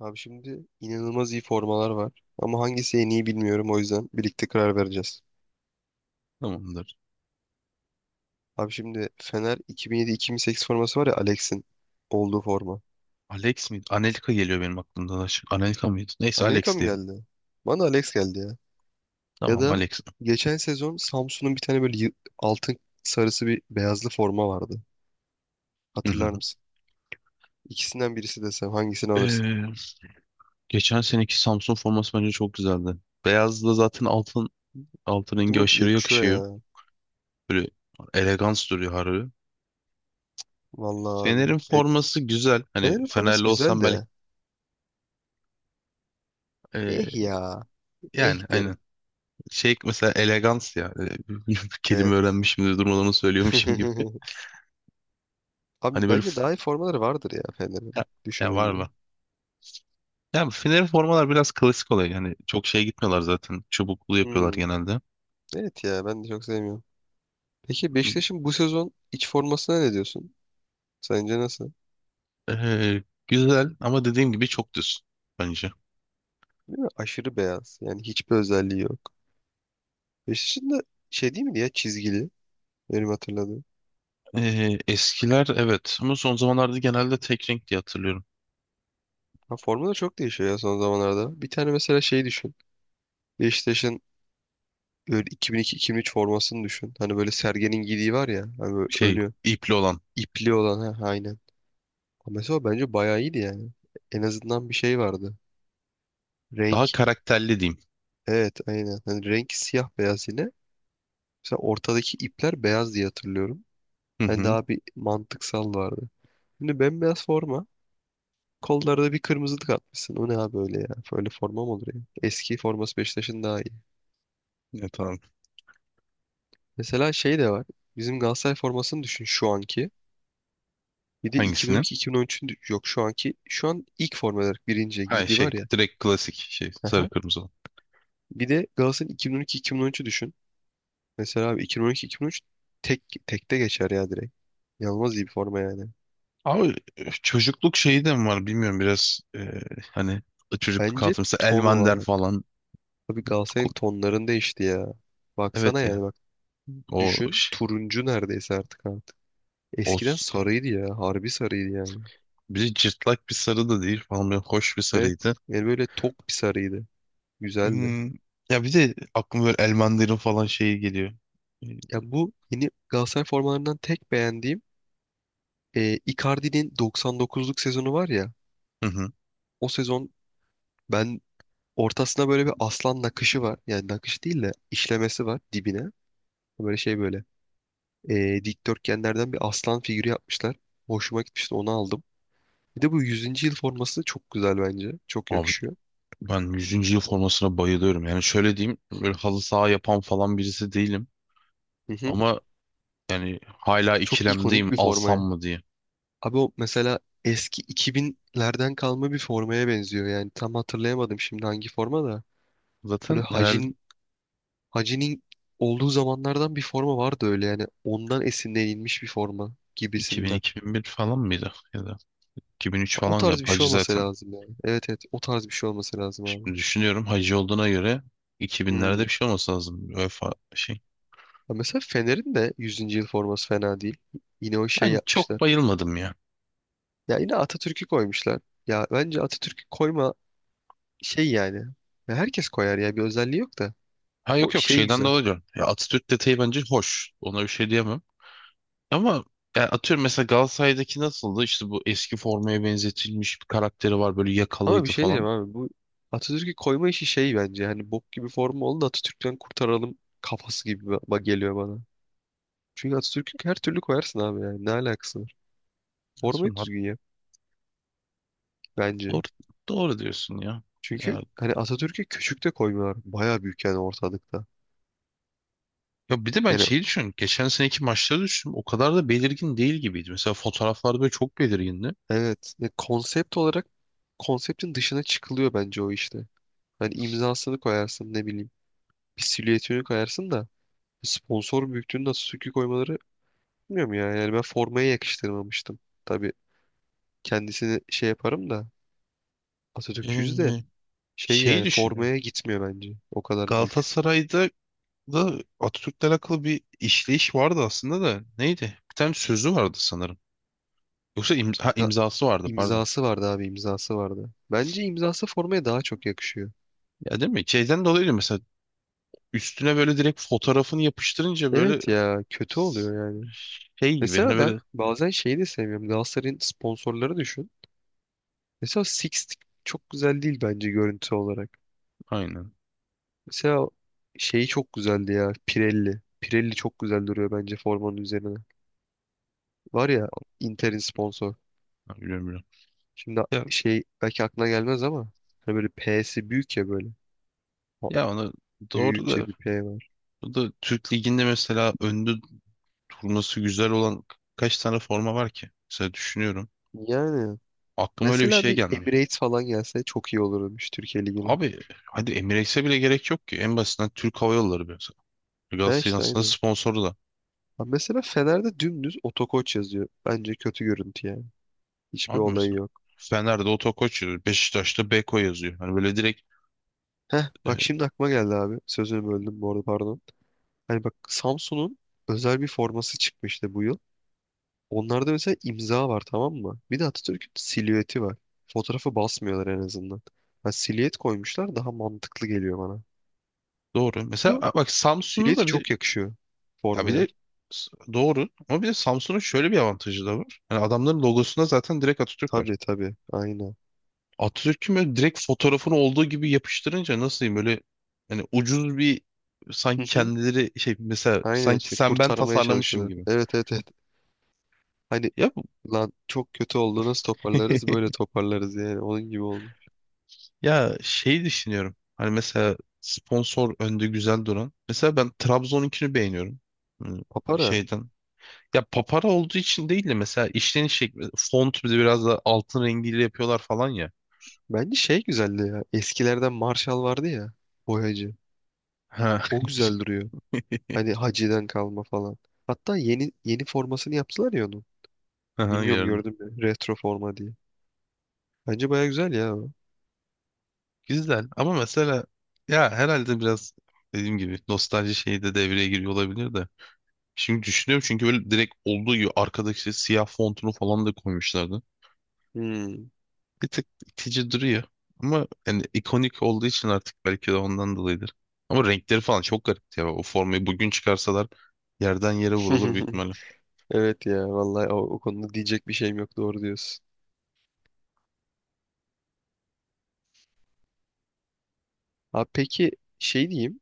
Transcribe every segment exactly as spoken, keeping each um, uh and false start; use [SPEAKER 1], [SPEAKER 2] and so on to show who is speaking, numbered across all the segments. [SPEAKER 1] Abi şimdi inanılmaz iyi formalar var. Ama hangisi en iyi bilmiyorum, o yüzden birlikte karar vereceğiz.
[SPEAKER 2] Tamamdır.
[SPEAKER 1] Abi şimdi Fener iki bin yedi-iki bin sekiz forması var ya, Alex'in olduğu forma.
[SPEAKER 2] Alex miydi? Anelka geliyor benim aklımda da. Şu- Anelka mıydı? Neyse
[SPEAKER 1] Anelika
[SPEAKER 2] Alex
[SPEAKER 1] mı
[SPEAKER 2] diyelim.
[SPEAKER 1] geldi? Bana Alex geldi ya. Ya
[SPEAKER 2] Tamam
[SPEAKER 1] da
[SPEAKER 2] Alex.
[SPEAKER 1] geçen sezon Samsun'un bir tane böyle yı- altın sarısı bir beyazlı forma vardı.
[SPEAKER 2] Hı hı.
[SPEAKER 1] Hatırlar mısın? İkisinden birisi desem hangisini alırsın?
[SPEAKER 2] Ee, Geçen seneki Samsun forması bence çok güzeldi. Beyazla zaten altın altın
[SPEAKER 1] Değil
[SPEAKER 2] rengi
[SPEAKER 1] mi? Hiç
[SPEAKER 2] aşırı
[SPEAKER 1] yakışıyor
[SPEAKER 2] yakışıyor.
[SPEAKER 1] ya.
[SPEAKER 2] Böyle elegans duruyor harbi.
[SPEAKER 1] Vallahi abi.
[SPEAKER 2] Fener'in
[SPEAKER 1] E,
[SPEAKER 2] forması güzel. Hani
[SPEAKER 1] Fener'in forması
[SPEAKER 2] Fenerli
[SPEAKER 1] güzel
[SPEAKER 2] olsam belki
[SPEAKER 1] de. Eh
[SPEAKER 2] ee,
[SPEAKER 1] ya. Eh
[SPEAKER 2] yani
[SPEAKER 1] derim.
[SPEAKER 2] aynen. Şey mesela elegans ya. Ee, kelime
[SPEAKER 1] Evet.
[SPEAKER 2] öğrenmişim de durmadan onu söylüyormuşum gibi. Hani
[SPEAKER 1] Abi
[SPEAKER 2] böyle
[SPEAKER 1] bence
[SPEAKER 2] f-
[SPEAKER 1] daha iyi formaları vardır ya Fener'in,
[SPEAKER 2] ya, ya var
[SPEAKER 1] düşününce.
[SPEAKER 2] mı? Yani Fener'in formalar biraz klasik oluyor. Yani çok şey gitmiyorlar zaten. Çubuklu yapıyorlar
[SPEAKER 1] Hmm,
[SPEAKER 2] genelde.
[SPEAKER 1] Evet ya, ben de çok sevmiyorum. Peki Beşiktaş'ın bu sezon iç formasına ne diyorsun? Sence nasıl?
[SPEAKER 2] Ee, güzel ama dediğim gibi çok düz bence.
[SPEAKER 1] Değil mi? Aşırı beyaz. Yani hiçbir özelliği yok. Beşiktaş'ın da şey değil miydi ya, çizgili? Benim hatırladığım.
[SPEAKER 2] Ee, eskiler evet ama son zamanlarda genelde tek renk diye hatırlıyorum.
[SPEAKER 1] Ha, forma da çok değişiyor ya son zamanlarda. Bir tane mesela şey düşün. Beşiktaş'ın böyle iki bin iki-iki bin üç formasını düşün. Hani böyle Sergen'in giydiği var ya. Hani böyle
[SPEAKER 2] Şey
[SPEAKER 1] önü
[SPEAKER 2] ipli olan.
[SPEAKER 1] ipli olan. Ha, aynen. Ama mesela o bence bayağı iyiydi yani. En azından bir şey vardı.
[SPEAKER 2] Daha
[SPEAKER 1] Renk.
[SPEAKER 2] karakterli diyeyim.
[SPEAKER 1] Evet, aynen. Hani rengi siyah beyaz yine. Mesela ortadaki ipler beyaz diye hatırlıyorum.
[SPEAKER 2] Hı
[SPEAKER 1] Hani
[SPEAKER 2] hı.
[SPEAKER 1] daha bir mantıksal vardı. Şimdi bembeyaz forma. Kollarda bir kırmızılık atmışsın. O ne abi öyle ya? Böyle forma mı olur ya? Eski forması Beşiktaş'ın daha iyi.
[SPEAKER 2] Evet, tamam.
[SPEAKER 1] Mesela şey de var. Bizim Galatasaray formasını düşün, şu anki. Bir de
[SPEAKER 2] Hangisini?
[SPEAKER 1] iki bin on iki iki bin on üçün yok şu anki. Şu an ilk forma olarak birinci
[SPEAKER 2] Ha,
[SPEAKER 1] giydiği
[SPEAKER 2] şey
[SPEAKER 1] var ya.
[SPEAKER 2] direkt klasik şey sarı
[SPEAKER 1] Aha.
[SPEAKER 2] kırmızı olan.
[SPEAKER 1] Bir de Galatasaray'ın iki bin on iki iki bin on üçü düşün. Mesela abi iki bin on iki-iki bin on üç tek tekte geçer ya direkt. Yalmaz iyi bir forma yani.
[SPEAKER 2] Abi e, çocukluk şeyi de mi var bilmiyorum biraz e, hani çocukluk
[SPEAKER 1] Bence
[SPEAKER 2] hatırlısı
[SPEAKER 1] ton
[SPEAKER 2] Elmander
[SPEAKER 1] olarak.
[SPEAKER 2] falan.
[SPEAKER 1] Abi Galatasaray'ın tonlarını değişti ya. Baksana
[SPEAKER 2] Evet ya
[SPEAKER 1] yani, bak.
[SPEAKER 2] o,
[SPEAKER 1] Düşün,
[SPEAKER 2] ş-
[SPEAKER 1] turuncu neredeyse artık artık.
[SPEAKER 2] o
[SPEAKER 1] Eskiden sarıydı ya. Harbi sarıydı yani.
[SPEAKER 2] Biri cırtlak bir sarı da değil falan böyle hoş bir
[SPEAKER 1] Evet.
[SPEAKER 2] sarıydı.
[SPEAKER 1] Yani böyle tok bir sarıydı. Güzeldi.
[SPEAKER 2] Hmm, Ya bir de aklıma böyle El Mandarin falan şeyi geliyor. Ee,
[SPEAKER 1] Ya, bu yeni Galatasaray formalarından tek beğendiğim e, Icardi'nin doksan dokuzluk sezonu var ya.
[SPEAKER 2] Hı hı.
[SPEAKER 1] O sezon ben, ortasına böyle bir aslan nakışı var. Yani nakış değil de işlemesi var dibine. Böyle şey böyle. E, dikdörtgenlerden bir aslan figürü yapmışlar. Hoşuma gitmişti, onu aldım. Bir de bu yüzüncü yıl forması çok güzel bence. Çok
[SPEAKER 2] Abi
[SPEAKER 1] yakışıyor.
[SPEAKER 2] ben yüzüncü yıl formasına bayılıyorum. Yani şöyle diyeyim, böyle halı saha yapan falan birisi değilim.
[SPEAKER 1] Hı hı.
[SPEAKER 2] Ama yani hala
[SPEAKER 1] Çok ikonik
[SPEAKER 2] ikilemdeyim
[SPEAKER 1] bir
[SPEAKER 2] alsam
[SPEAKER 1] formaya.
[SPEAKER 2] mı diye.
[SPEAKER 1] Abi o mesela eski iki binlerden kalma bir formaya benziyor. Yani tam hatırlayamadım şimdi hangi forma da. Böyle
[SPEAKER 2] Zaten herhalde
[SPEAKER 1] Hacin, Hacı'nin olduğu zamanlardan bir forma vardı öyle yani. Ondan esinlenilmiş bir forma gibisinden.
[SPEAKER 2] iki bin-iki bin bir falan mıydı? Ya da iki bin üç
[SPEAKER 1] O
[SPEAKER 2] falan
[SPEAKER 1] tarz bir
[SPEAKER 2] galiba.
[SPEAKER 1] şey
[SPEAKER 2] Hacı
[SPEAKER 1] olması
[SPEAKER 2] zaten.
[SPEAKER 1] lazım yani. Evet evet, o tarz bir şey olması lazım abi.
[SPEAKER 2] Şimdi düşünüyorum hacı olduğuna göre iki binlerde
[SPEAKER 1] Hmm.
[SPEAKER 2] bir şey olması lazım. Vefa şey.
[SPEAKER 1] Ya mesela Fener'in de yüzüncü yıl forması fena değil. Yine o şey
[SPEAKER 2] Ben çok
[SPEAKER 1] yapmışlar.
[SPEAKER 2] bayılmadım ya.
[SPEAKER 1] Ya, yine Atatürk'ü koymuşlar. Ya bence Atatürk'ü koyma şey yani. Ya herkes koyar ya, bir özelliği yok da.
[SPEAKER 2] Ha,
[SPEAKER 1] O
[SPEAKER 2] yok yok,
[SPEAKER 1] şey
[SPEAKER 2] şeyden
[SPEAKER 1] güzel.
[SPEAKER 2] dolayı diyorum. Ya Atatürk detayı bence hoş. Ona bir şey diyemem. Ama ya atıyorum mesela Galatasaray'daki nasıldı? İşte bu eski formaya benzetilmiş bir karakteri var. Böyle
[SPEAKER 1] Ama bir
[SPEAKER 2] yakalıydı
[SPEAKER 1] şey diyeceğim
[SPEAKER 2] falan.
[SPEAKER 1] abi, bu Atatürk'ü koyma işi şey bence. Hani bok gibi formu oldu da Atatürk'ten kurtaralım kafası gibi ba- ba- geliyor bana. Çünkü Atatürk'ü her türlü koyarsın abi yani. Ne alakası var? Formayı
[SPEAKER 2] Atıyorum, hat-
[SPEAKER 1] düzgün yap bence.
[SPEAKER 2] doğru, doğru diyorsun ya.
[SPEAKER 1] Çünkü
[SPEAKER 2] Ya
[SPEAKER 1] hani Atatürk'ü küçük de koymuyorlar. Baya büyük yani, ortalıkta.
[SPEAKER 2] Ya bir de ben
[SPEAKER 1] Yani
[SPEAKER 2] şeyi düşünüyorum. Geçen seneki maçları düşündüm. O kadar da belirgin değil gibiydi. Mesela fotoğraflarda böyle çok belirgindi.
[SPEAKER 1] evet ya, konsept olarak konseptin dışına çıkılıyor bence o işte. Hani imzasını koyarsın, ne bileyim, bir silüetini koyarsın da sponsor büyüklüğünü nasıl sökü koymaları, bilmiyorum ya. Yani ben formaya yakıştırmamıştım. Tabii kendisini şey yaparım da, Atatürkçüyüz de,
[SPEAKER 2] Ee,
[SPEAKER 1] şey
[SPEAKER 2] Şeyi
[SPEAKER 1] yani
[SPEAKER 2] düşünüyorum.
[SPEAKER 1] formaya gitmiyor bence. O kadar büyük.
[SPEAKER 2] Galatasaray'da da Atatürk'le alakalı bir işleyiş vardı aslında da. Neydi? Bir tane sözü vardı sanırım. Yoksa imza, ha,
[SPEAKER 1] İmza-
[SPEAKER 2] imzası vardı pardon.
[SPEAKER 1] İmzası vardı abi, imzası vardı. Bence imzası formaya daha çok yakışıyor.
[SPEAKER 2] Ya, değil mi? Şeyden dolayı mesela üstüne böyle direkt fotoğrafını yapıştırınca böyle
[SPEAKER 1] Evet ya, kötü oluyor yani.
[SPEAKER 2] şey gibi, hani
[SPEAKER 1] Mesela ben
[SPEAKER 2] böyle
[SPEAKER 1] bazen şeyi de sevmiyorum. Galatasaray'ın sponsorları düşün. Mesela Six çok güzel değil bence görüntü olarak.
[SPEAKER 2] aynen.
[SPEAKER 1] Mesela şeyi çok güzeldi ya. Pirelli. Pirelli çok güzel duruyor bence formanın üzerine. Var ya Inter'in sponsor.
[SPEAKER 2] Ha, biliyorum biliyorum.
[SPEAKER 1] Şimdi
[SPEAKER 2] Ya,
[SPEAKER 1] şey belki aklına gelmez ama hani böyle P'si büyük ya böyle. Ha-
[SPEAKER 2] ya onu doğru da,
[SPEAKER 1] Büyükçe bir P var.
[SPEAKER 2] bu da Türk Ligi'nde mesela öndü turnası güzel olan kaç tane forma var ki? Mesela düşünüyorum.
[SPEAKER 1] Yani
[SPEAKER 2] Aklıma öyle bir
[SPEAKER 1] mesela
[SPEAKER 2] şey
[SPEAKER 1] bir
[SPEAKER 2] gelmiyor.
[SPEAKER 1] Emirates falan gelse çok iyi olurmuş Türkiye Ligi'ne.
[SPEAKER 2] Abi hadi Emirates'e bile gerek yok ki. En basitinden Türk Hava Yolları mesela.
[SPEAKER 1] Ha,
[SPEAKER 2] Galatasaray'ın
[SPEAKER 1] işte
[SPEAKER 2] aslında
[SPEAKER 1] aynen.
[SPEAKER 2] sponsoru da.
[SPEAKER 1] Ha, mesela Fener'de dümdüz Otokoç yazıyor. Bence kötü görüntü yani. Hiçbir
[SPEAKER 2] Abi
[SPEAKER 1] olayı
[SPEAKER 2] mesela
[SPEAKER 1] yok.
[SPEAKER 2] Fener'de Otokoç yazıyor. Beşiktaş'ta Beko yazıyor. Hani böyle direkt
[SPEAKER 1] Heh,
[SPEAKER 2] e,
[SPEAKER 1] bak şimdi aklıma geldi abi. Sözünü böldüm bu arada, pardon. Hani bak, Samsun'un özel bir forması çıkmıştı bu yıl. Onlarda mesela imza var, tamam mı? Bir de Atatürk'ün silüeti var. Fotoğrafı basmıyorlar en azından. Ha, silüet koymuşlar, daha mantıklı geliyor bana.
[SPEAKER 2] doğru.
[SPEAKER 1] Bir de
[SPEAKER 2] Mesela
[SPEAKER 1] o
[SPEAKER 2] a- bak Samsun'u
[SPEAKER 1] silüeti
[SPEAKER 2] da, bir de
[SPEAKER 1] çok yakışıyor
[SPEAKER 2] ya bir
[SPEAKER 1] formaya.
[SPEAKER 2] de s- doğru ama bir de Samsun'un şöyle bir avantajı da var. Yani adamların logosunda zaten direkt Atatürk var.
[SPEAKER 1] Tabii tabii, aynen.
[SPEAKER 2] Atatürk'ün böyle direkt fotoğrafını olduğu gibi yapıştırınca nasıl diyeyim, böyle hani ucuz bir,
[SPEAKER 1] Hı
[SPEAKER 2] sanki
[SPEAKER 1] hı.
[SPEAKER 2] kendileri şey mesela,
[SPEAKER 1] Aynen
[SPEAKER 2] sanki
[SPEAKER 1] işte,
[SPEAKER 2] sen ben
[SPEAKER 1] kurtarmaya
[SPEAKER 2] tasarlamışım
[SPEAKER 1] çalışıyorlar.
[SPEAKER 2] gibi.
[SPEAKER 1] Evet evet evet. Hani
[SPEAKER 2] Ya bu-
[SPEAKER 1] lan çok kötü oldu, nasıl toparlarız, böyle toparlarız yani, onun gibi olmuş.
[SPEAKER 2] ya şey düşünüyorum. Hani mesela sponsor önde güzel duran. Mesela ben Trabzon'unkini beğeniyorum. Hmm,
[SPEAKER 1] Papara.
[SPEAKER 2] Şeyden. Ya papara olduğu için değil de mesela işleniş şekli, font, bir de biraz da altın rengiyle yapıyorlar falan ya.
[SPEAKER 1] Bence şey güzeldi ya, eskilerden Marshall vardı ya, boyacı.
[SPEAKER 2] Ha.
[SPEAKER 1] O güzel duruyor. Hani Hacı'dan kalma falan. Hatta yeni yeni formasını yaptılar ya onu.
[SPEAKER 2] Aha,
[SPEAKER 1] Bilmiyorum,
[SPEAKER 2] gördüm.
[SPEAKER 1] gördün mü? Retro forma diye. Bence baya güzel ya o.
[SPEAKER 2] Güzel ama mesela ya herhalde biraz dediğim gibi nostalji şeyi de devreye giriyor olabilir de. Şimdi düşünüyorum çünkü böyle direkt olduğu gibi arkadaki işte siyah fontunu falan da koymuşlardı.
[SPEAKER 1] Hmm.
[SPEAKER 2] Bir tık itici duruyor. Ama yani ikonik olduğu için artık belki de ondan dolayıdır. Ama renkleri falan çok garipti ya. O formayı bugün çıkarsalar yerden yere vurulur büyük ihtimalle.
[SPEAKER 1] Evet ya vallahi, o, o konuda diyecek bir şeyim yok, doğru diyorsun. Abi peki şey diyeyim.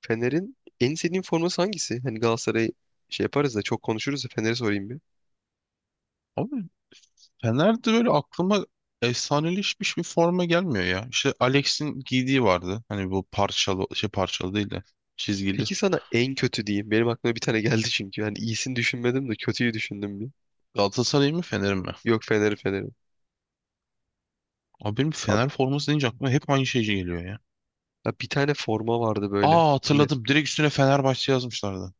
[SPEAKER 1] Fener'in en sevdiğin forması hangisi? Hani Galatasaray şey yaparız da çok konuşuruz da Fener'e sorayım bir.
[SPEAKER 2] Abi Fener'de böyle aklıma efsaneleşmiş bir forma gelmiyor ya. İşte Alex'in giydiği vardı. Hani bu parçalı şey, parçalı değil de çizgili.
[SPEAKER 1] Peki sana en kötü diyeyim. Benim aklıma bir tane geldi çünkü. Hani iyisini düşünmedim de kötüyü düşündüm bir.
[SPEAKER 2] Galatasaray mı Fener mi?
[SPEAKER 1] Yok, Fener'i Fener'i.
[SPEAKER 2] Abi benim
[SPEAKER 1] Abi,
[SPEAKER 2] Fener forması deyince aklıma hep aynı şey geliyor ya.
[SPEAKER 1] abi bir tane forma vardı böyle.
[SPEAKER 2] Aa,
[SPEAKER 1] Hani.
[SPEAKER 2] hatırladım. Direkt üstüne Fenerbahçe yazmışlardı.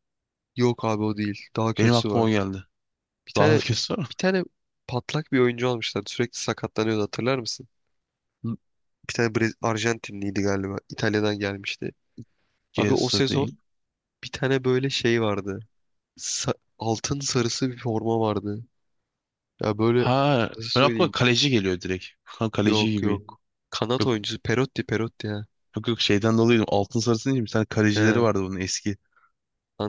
[SPEAKER 1] Yok abi, o değil. Daha
[SPEAKER 2] Benim
[SPEAKER 1] kötüsü
[SPEAKER 2] aklıma o
[SPEAKER 1] var.
[SPEAKER 2] geldi.
[SPEAKER 1] Bir
[SPEAKER 2] Daha da
[SPEAKER 1] tane
[SPEAKER 2] kötü var mı?
[SPEAKER 1] bir tane patlak bir oyuncu almışlardı. Sürekli sakatlanıyordu, hatırlar mısın? Hı. Bir tane Brez Arjantinliydi galiba. İtalya'dan gelmişti. Abi o
[SPEAKER 2] Gelse
[SPEAKER 1] sezon
[SPEAKER 2] değil.
[SPEAKER 1] bir tane böyle şey vardı. Sa- altın sarısı bir forma vardı. Ya böyle
[SPEAKER 2] Ha,
[SPEAKER 1] nasıl
[SPEAKER 2] ben aklıma
[SPEAKER 1] söyleyeyim?
[SPEAKER 2] kaleci geliyor direkt. Ha, kaleci
[SPEAKER 1] Yok
[SPEAKER 2] gibi.
[SPEAKER 1] yok. Kanat
[SPEAKER 2] Yok,
[SPEAKER 1] oyuncusu, Perotti Perotti, ha.
[SPEAKER 2] yok yok, şeyden dolayı altın sarısı değil mi? Bir tane kalecileri
[SPEAKER 1] He,
[SPEAKER 2] vardı bunun eski.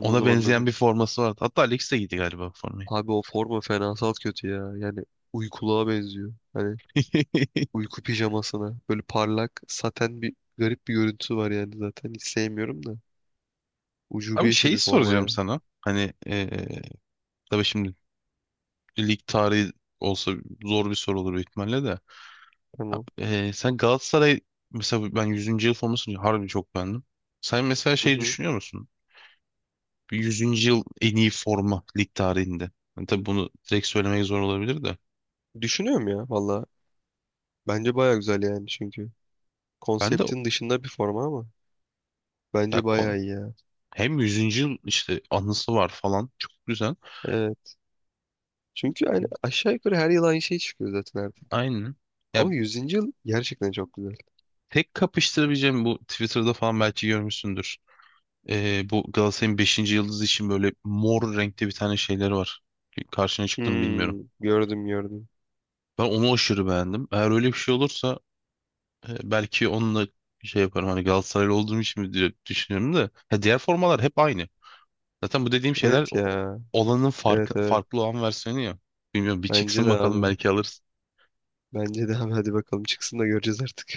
[SPEAKER 2] Ona benzeyen
[SPEAKER 1] anladım.
[SPEAKER 2] bir forması vardı. Hatta Alex de giydi galiba bu formayı.
[SPEAKER 1] Abi o forma fenasal kötü ya. Yani uykuluğa benziyor. Hani uyku pijamasına. Böyle parlak, saten, bir garip bir görüntüsü var yani zaten. Hiç sevmiyorum da.
[SPEAKER 2] Abi
[SPEAKER 1] Ucube işi
[SPEAKER 2] şeyi
[SPEAKER 1] bir forma
[SPEAKER 2] soracağım
[SPEAKER 1] ya.
[SPEAKER 2] sana. Hani eee tabii şimdi lig tarihi olsa zor bir soru olur büyük ihtimalle de. Abi,
[SPEAKER 1] Tamam.
[SPEAKER 2] e, sen Galatasaray, mesela ben yüzüncü yıl formasını harbi çok beğendim. Sen mesela
[SPEAKER 1] Hı
[SPEAKER 2] şey
[SPEAKER 1] hı.
[SPEAKER 2] düşünüyor musun? Bir yüzüncü. yıl en iyi forma lig tarihinde. Yani tabii bunu direkt söylemek zor olabilir de.
[SPEAKER 1] Düşünüyorum ya, valla. Bence baya güzel yani çünkü.
[SPEAKER 2] Ben de,
[SPEAKER 1] Konseptin dışında bir forma ama.
[SPEAKER 2] ya
[SPEAKER 1] Bence baya
[SPEAKER 2] kon,
[SPEAKER 1] iyi ya.
[SPEAKER 2] hem yüzüncü yıl işte anısı var falan, çok güzel.
[SPEAKER 1] Evet. Çünkü yani aşağı yukarı her yıl aynı şey çıkıyor zaten artık.
[SPEAKER 2] Aynen. Ya
[SPEAKER 1] Ama yüzüncü yıl gerçekten çok güzel.
[SPEAKER 2] tek kapıştırabileceğim bu Twitter'da falan belki görmüşsündür. E, bu Galatasaray'ın beşinci yıldızı için böyle mor renkte bir tane şeyleri var. Karşına çıktım bilmiyorum.
[SPEAKER 1] Hmm, gördüm gördüm.
[SPEAKER 2] Ben onu aşırı beğendim. Eğer öyle bir şey olursa E, belki onunla şey yaparım, hani Galatasaraylı olduğum için mi diye düşünüyorum da, ya diğer formalar hep aynı. Zaten bu dediğim şeyler
[SPEAKER 1] Evet
[SPEAKER 2] o-
[SPEAKER 1] ya.
[SPEAKER 2] olanın
[SPEAKER 1] Evet
[SPEAKER 2] farkı,
[SPEAKER 1] evet.
[SPEAKER 2] farklı olan versiyonu ya. Bilmiyorum, bir
[SPEAKER 1] Bence
[SPEAKER 2] çıksın
[SPEAKER 1] de
[SPEAKER 2] bakalım
[SPEAKER 1] abi.
[SPEAKER 2] belki alırız.
[SPEAKER 1] Bence de abi. Hadi bakalım çıksın da göreceğiz artık.